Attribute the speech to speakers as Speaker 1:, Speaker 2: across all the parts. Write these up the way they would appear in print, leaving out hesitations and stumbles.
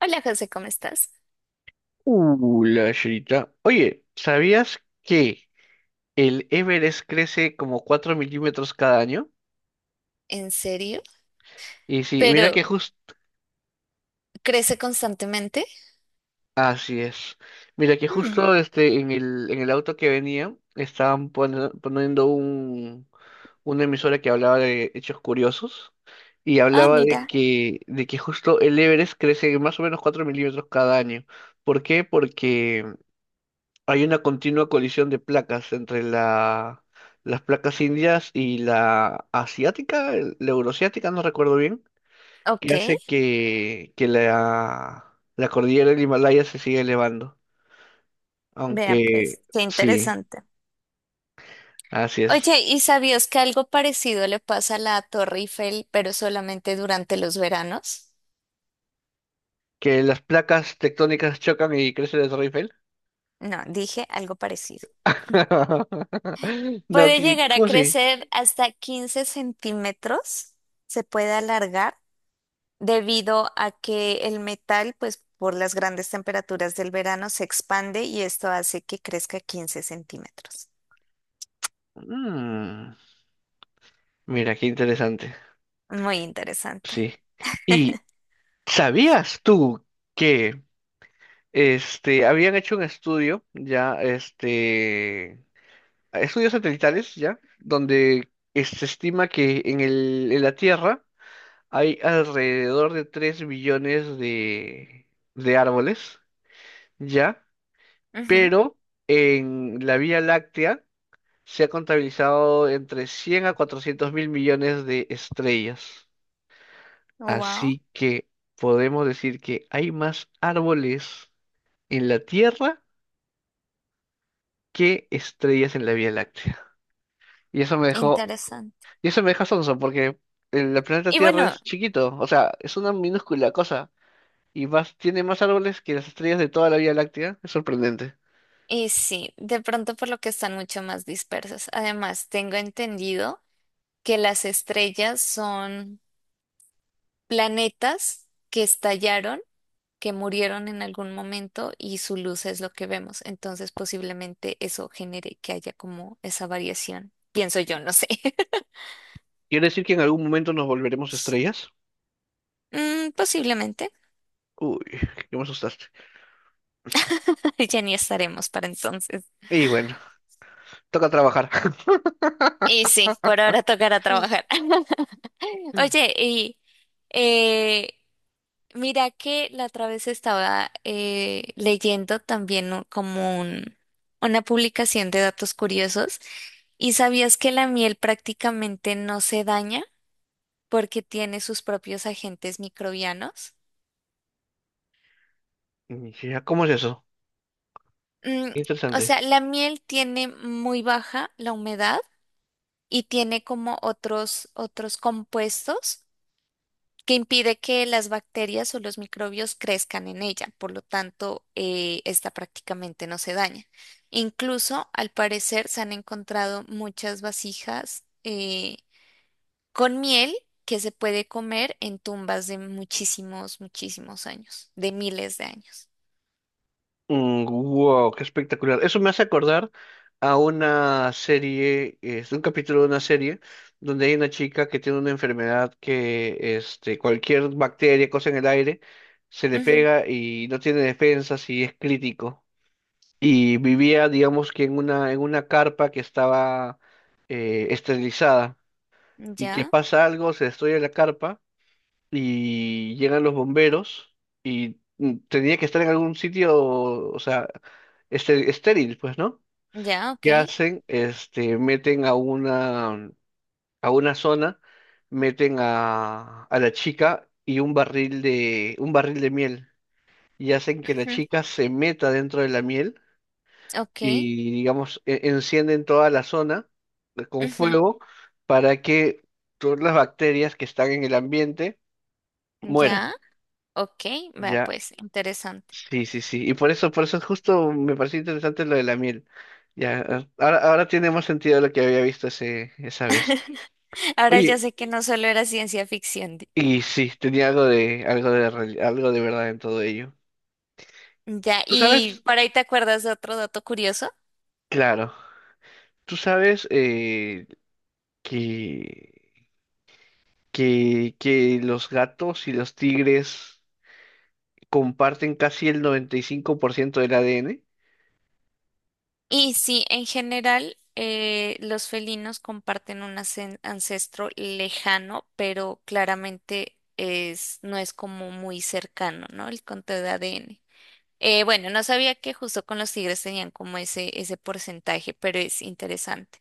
Speaker 1: Hola José, ¿cómo estás?
Speaker 2: La chirita. Oye, ¿sabías que el Everest crece como 4 mm cada año?
Speaker 1: ¿En serio?
Speaker 2: Y sí, mira
Speaker 1: ¿Pero
Speaker 2: que justo...
Speaker 1: crece constantemente?
Speaker 2: Así es. Mira que
Speaker 1: Hmm.
Speaker 2: justo en en el auto que venía estaban poniendo una emisora que hablaba de hechos curiosos y
Speaker 1: Ah,
Speaker 2: hablaba de
Speaker 1: mira.
Speaker 2: de que justo el Everest crece más o menos 4 mm cada año. ¿Por qué? Porque... Hay una continua colisión de placas entre las placas indias y la asiática, la euroasiática, no recuerdo bien,
Speaker 1: Ok,
Speaker 2: que hace que la cordillera del Himalaya se siga elevando.
Speaker 1: vea pues,
Speaker 2: Aunque
Speaker 1: qué
Speaker 2: sí,
Speaker 1: interesante.
Speaker 2: así es.
Speaker 1: Oye, ¿y sabías que algo parecido le pasa a la Torre Eiffel, pero solamente durante los veranos?
Speaker 2: Que las placas tectónicas chocan y crece la Torre Eiffel.
Speaker 1: No, dije algo parecido.
Speaker 2: No,
Speaker 1: Puede llegar a
Speaker 2: ¿cómo así?
Speaker 1: crecer hasta 15 centímetros, se puede alargar debido a que el metal, pues por las grandes temperaturas del verano, se expande y esto hace que crezca 15 centímetros.
Speaker 2: Mm, mira, qué interesante.
Speaker 1: Muy interesante.
Speaker 2: Sí. ¿Y sabías tú que... habían hecho un estudio, ya, este, estudios satelitales, ya, donde se estima que en en la Tierra hay alrededor de 3 billones de árboles, ya, pero en la Vía Láctea se ha contabilizado entre 100 a 400 mil millones de estrellas.
Speaker 1: Wow,
Speaker 2: Así que podemos decir que hay más árboles en la Tierra qué estrellas en la Vía Láctea. Y eso me dejó,
Speaker 1: interesante.
Speaker 2: y eso me deja sonso porque el planeta
Speaker 1: Y
Speaker 2: Tierra
Speaker 1: bueno,
Speaker 2: es chiquito, o sea, es una minúscula cosa y más, tiene más árboles que las estrellas de toda la Vía Láctea. Es sorprendente.
Speaker 1: y sí, de pronto por lo que están mucho más dispersos. Además, tengo entendido que las estrellas son planetas que estallaron, que murieron en algún momento y su luz es lo que vemos. Entonces, posiblemente eso genere que haya como esa variación. Pienso yo, no sé.
Speaker 2: ¿Quiere decir que en algún momento nos volveremos estrellas?
Speaker 1: Mm, posiblemente.
Speaker 2: Uy, que me asustaste.
Speaker 1: Ya ni estaremos para entonces.
Speaker 2: Y bueno, toca trabajar.
Speaker 1: Y sí, por ahora tocará trabajar. Oye, y eh, mira que la otra vez estaba leyendo también una publicación de datos curiosos. ¿Y sabías que la miel prácticamente no se daña? Porque tiene sus propios agentes microbianos.
Speaker 2: Mm. Ya, ¿cómo es eso?
Speaker 1: Mm, o
Speaker 2: Interesante.
Speaker 1: sea, la miel tiene muy baja la humedad y tiene como otros compuestos que impide que las bacterias o los microbios crezcan en ella. Por lo tanto, esta prácticamente no se daña. Incluso, al parecer, se han encontrado muchas vasijas con miel que se puede comer en tumbas de muchísimos años, de miles de años.
Speaker 2: Mm, wow, qué espectacular. Eso me hace acordar a una serie, es un capítulo de una serie donde hay una chica que tiene una enfermedad que este, cualquier bacteria, cosa en el aire, se le pega y no tiene defensas y es crítico. Y vivía, digamos que en en una carpa que estaba esterilizada y que
Speaker 1: Ya,
Speaker 2: pasa algo, se destruye la carpa y llegan los bomberos y mm, tenía que estar en algún sitio, o sea, este, estéril, pues, ¿no?
Speaker 1: ya, ok.
Speaker 2: ¿Qué hacen? Este, meten a a una zona, meten a la chica y un barril un barril de miel y hacen que la
Speaker 1: Ujú.
Speaker 2: chica se meta dentro de la miel
Speaker 1: Ok,
Speaker 2: y, digamos, encienden toda la zona con
Speaker 1: ujú,
Speaker 2: fuego para que todas las bacterias que están en el ambiente mueran.
Speaker 1: ya, ok. Vea,
Speaker 2: Ya,
Speaker 1: pues, interesante.
Speaker 2: sí, sí, sí. Y por eso justo me pareció interesante lo de la miel. Ya, ahora, ahora tiene más sentido lo que había visto ese, esa vez.
Speaker 1: Ahora ya
Speaker 2: Oye,
Speaker 1: sé que no solo era ciencia ficción.
Speaker 2: y sí, tenía algo algo algo de verdad en todo ello.
Speaker 1: Ya,
Speaker 2: ¿Tú
Speaker 1: y
Speaker 2: sabes?
Speaker 1: por ahí te acuerdas de otro dato curioso.
Speaker 2: Claro. ¿Tú sabes que, que los gatos y los tigres comparten casi el 95% del ADN?
Speaker 1: Y sí, en general, los felinos comparten un ancestro lejano, pero claramente es, no es como muy cercano, ¿no? El conteo de ADN. Bueno, no sabía que justo con los tigres tenían como ese porcentaje, pero es interesante.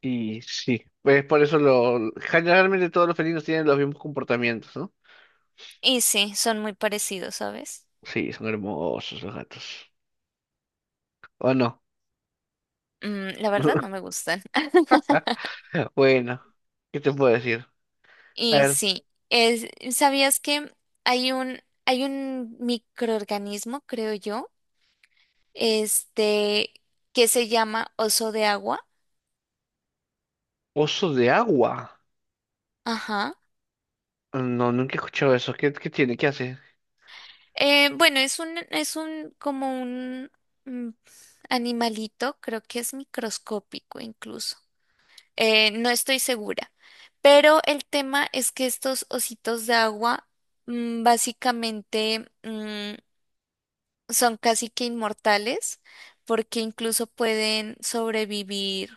Speaker 2: Y sí, pues por eso lo, generalmente todos los felinos tienen los mismos comportamientos, ¿no?
Speaker 1: Y sí, son muy parecidos, ¿sabes?
Speaker 2: Sí, son hermosos los gatos. ¿O no?
Speaker 1: Mm, la verdad no me gustan.
Speaker 2: Bueno, ¿qué te puedo decir? A
Speaker 1: Y
Speaker 2: ver,
Speaker 1: sí, ¿sabías que hay hay un microorganismo, creo yo, este, que se llama oso de agua?
Speaker 2: oso de agua.
Speaker 1: Ajá.
Speaker 2: No, nunca he escuchado eso. ¿Qué, qué tiene? ¿Qué hace?
Speaker 1: Bueno, es es un, como un mm, animalito, creo que es microscópico incluso. No estoy segura, pero el tema es que estos ositos de agua básicamente son casi que inmortales porque incluso pueden sobrevivir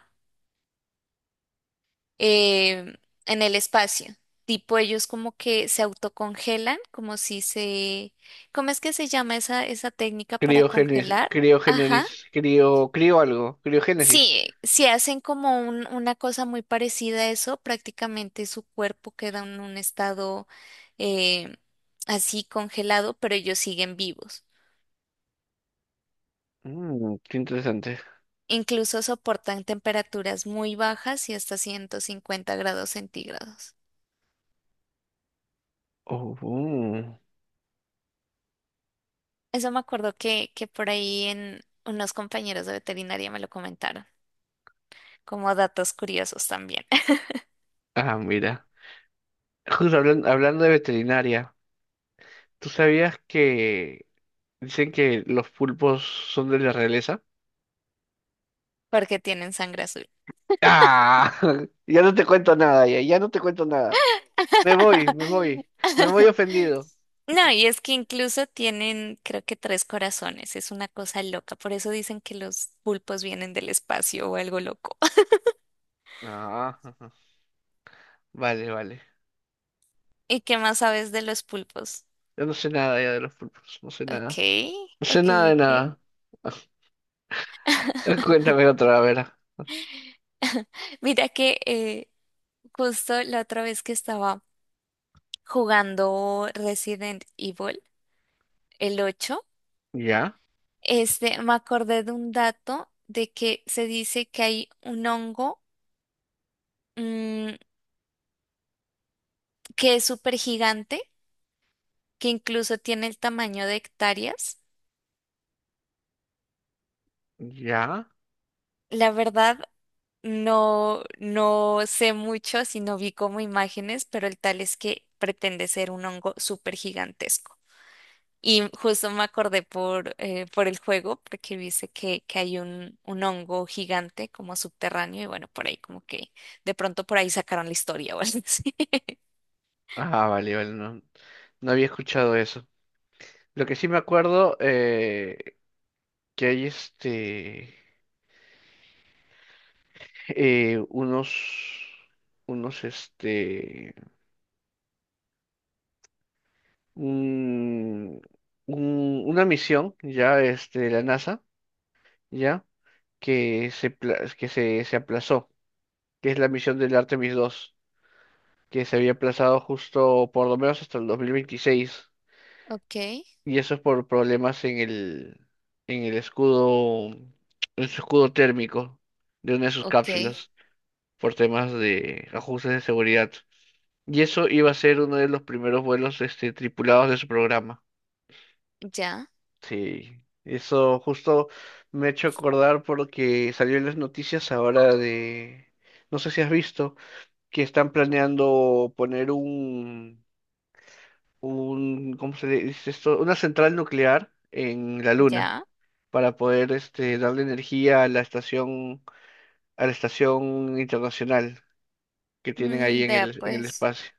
Speaker 1: eh, en el espacio. Tipo, ellos como que se autocongelan, como si se... ¿Cómo es que se llama esa técnica para
Speaker 2: Criogénesis,
Speaker 1: congelar? Ajá.
Speaker 2: criogénesis, crio algo, criogénesis.
Speaker 1: Sí, si hacen como una cosa muy parecida a eso, prácticamente su cuerpo queda en un estado eh, así congelado, pero ellos siguen vivos.
Speaker 2: Mm, qué interesante.
Speaker 1: Incluso soportan temperaturas muy bajas y hasta 150 grados centígrados.
Speaker 2: Oh, mm.
Speaker 1: Eso me acuerdo que por ahí en unos compañeros de veterinaria me lo comentaron, como datos curiosos también.
Speaker 2: Ah, mira. Justo hablando de veterinaria, ¿tú sabías que dicen que los pulpos son de la realeza?
Speaker 1: Porque tienen sangre azul.
Speaker 2: Ah, ya no te cuento nada, ya, ya no te cuento nada. Me voy, me voy. Me voy ofendido.
Speaker 1: No, y es que incluso tienen, creo que tres corazones, es una cosa loca, por eso dicen que los pulpos vienen del espacio o algo loco.
Speaker 2: Ah, ajá. Vale, vale.
Speaker 1: ¿Y qué más sabes de los pulpos?
Speaker 2: Yo no sé nada ya de los pulpos. No sé
Speaker 1: Ok,
Speaker 2: nada. No sé
Speaker 1: ok,
Speaker 2: nada de
Speaker 1: ok.
Speaker 2: nada. Cuéntame otra, a ver.
Speaker 1: Mira que justo la otra vez que estaba jugando Resident Evil, el 8,
Speaker 2: ¿Ya?
Speaker 1: me acordé de un dato de que se dice que hay un hongo mm, que es súper gigante, que incluso tiene el tamaño de hectáreas.
Speaker 2: ¿Ya?
Speaker 1: La verdad, no sé mucho, sino vi como imágenes, pero el tal es que pretende ser un hongo súper gigantesco. Y justo me acordé por el juego, porque dice que hay un hongo gigante como subterráneo, y bueno, por ahí como que de pronto por ahí sacaron la historia o algo así.
Speaker 2: Ah, vale, vale. No, no había escuchado eso. Lo que sí me acuerdo, que hay este, unos, unos, este, un, una misión, ya, este, de la NASA, ya. Que se, que se aplazó, que es la misión del Artemis 2, que se había aplazado justo por lo menos hasta el 2026,
Speaker 1: Ok,
Speaker 2: y eso es por problemas en en el escudo, en su escudo térmico de una de sus
Speaker 1: ok,
Speaker 2: cápsulas, por temas de ajustes de seguridad. Y eso iba a ser uno de los primeros vuelos este, tripulados de su programa.
Speaker 1: ya,
Speaker 2: Sí, eso justo me ha hecho acordar porque salió en las noticias ahora de, no sé si has visto, que están planeando poner un, ¿cómo se dice esto? Una central nuclear en la Luna
Speaker 1: ya.
Speaker 2: para poder este, darle energía a la estación internacional que tienen ahí
Speaker 1: Mm,
Speaker 2: en en el espacio.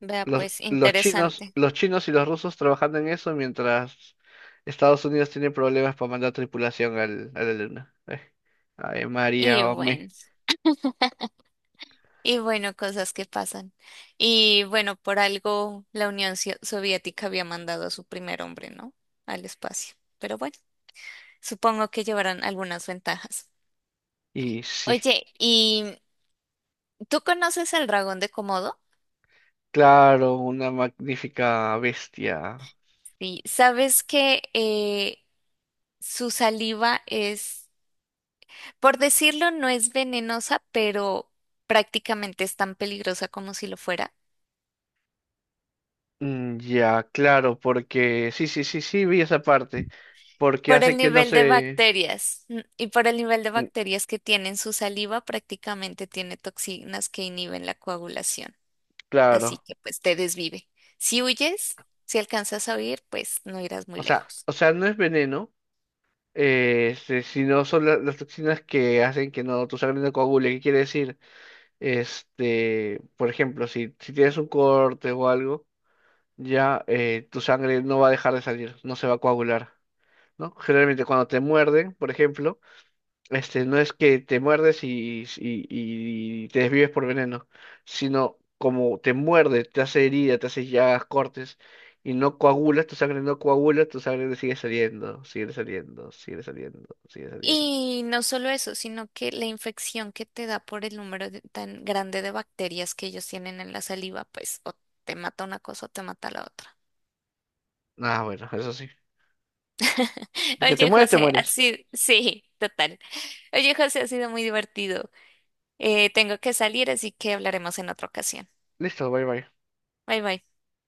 Speaker 1: vea pues, interesante.
Speaker 2: Los chinos y los rusos trabajando en eso mientras Estados Unidos tiene problemas para mandar tripulación a la Luna. Ave
Speaker 1: Y
Speaker 2: María, hombre.
Speaker 1: bueno. Y bueno, cosas que pasan. Y bueno, por algo la Unión Soviética había mandado a su primer hombre, ¿no? Al espacio. Pero bueno, supongo que llevarán algunas ventajas.
Speaker 2: Y sí,
Speaker 1: Oye, ¿y tú conoces al dragón de Komodo?
Speaker 2: claro, una magnífica bestia.
Speaker 1: Sí, sabes que su saliva es, por decirlo, no es venenosa, pero prácticamente es tan peligrosa como si lo fuera.
Speaker 2: Mm, ya, claro, porque sí, sí, sí, sí, vi esa parte, porque
Speaker 1: Por
Speaker 2: hace
Speaker 1: el
Speaker 2: que no
Speaker 1: nivel de
Speaker 2: se,
Speaker 1: bacterias y por el nivel de
Speaker 2: mm,
Speaker 1: bacterias que tiene en su saliva, prácticamente tiene toxinas que inhiben la coagulación. Así
Speaker 2: claro,
Speaker 1: que pues te desvive. Si huyes, si alcanzas a huir, pues no irás muy lejos.
Speaker 2: o sea, no es veneno, este, sino son las toxinas que hacen que no tu sangre no coagule, ¿qué quiere decir? Este, por ejemplo, si tienes un corte o algo, ya tu sangre no va a dejar de salir, no se va a coagular, ¿no? Generalmente cuando te muerden, por ejemplo, este, no es que te muerdes y te desvives por veneno, sino como te muerde, te hace herida, te hace llagas, cortes, y no coagulas, tu sangre no coagula, tu sangre sigue saliendo, sigue saliendo, sigue saliendo, sigue saliendo.
Speaker 1: Y no solo eso, sino que la infección que te da por el tan grande de bacterias que ellos tienen en la saliva, pues o te mata una cosa o te mata la otra.
Speaker 2: Ah, bueno, eso sí. De que te
Speaker 1: Oye,
Speaker 2: mueres, te
Speaker 1: José,
Speaker 2: mueres.
Speaker 1: así, sí, total. Oye, José, ha sido muy divertido. Tengo que salir, así que hablaremos en otra ocasión.
Speaker 2: Listo, bye bye.
Speaker 1: Bye bye.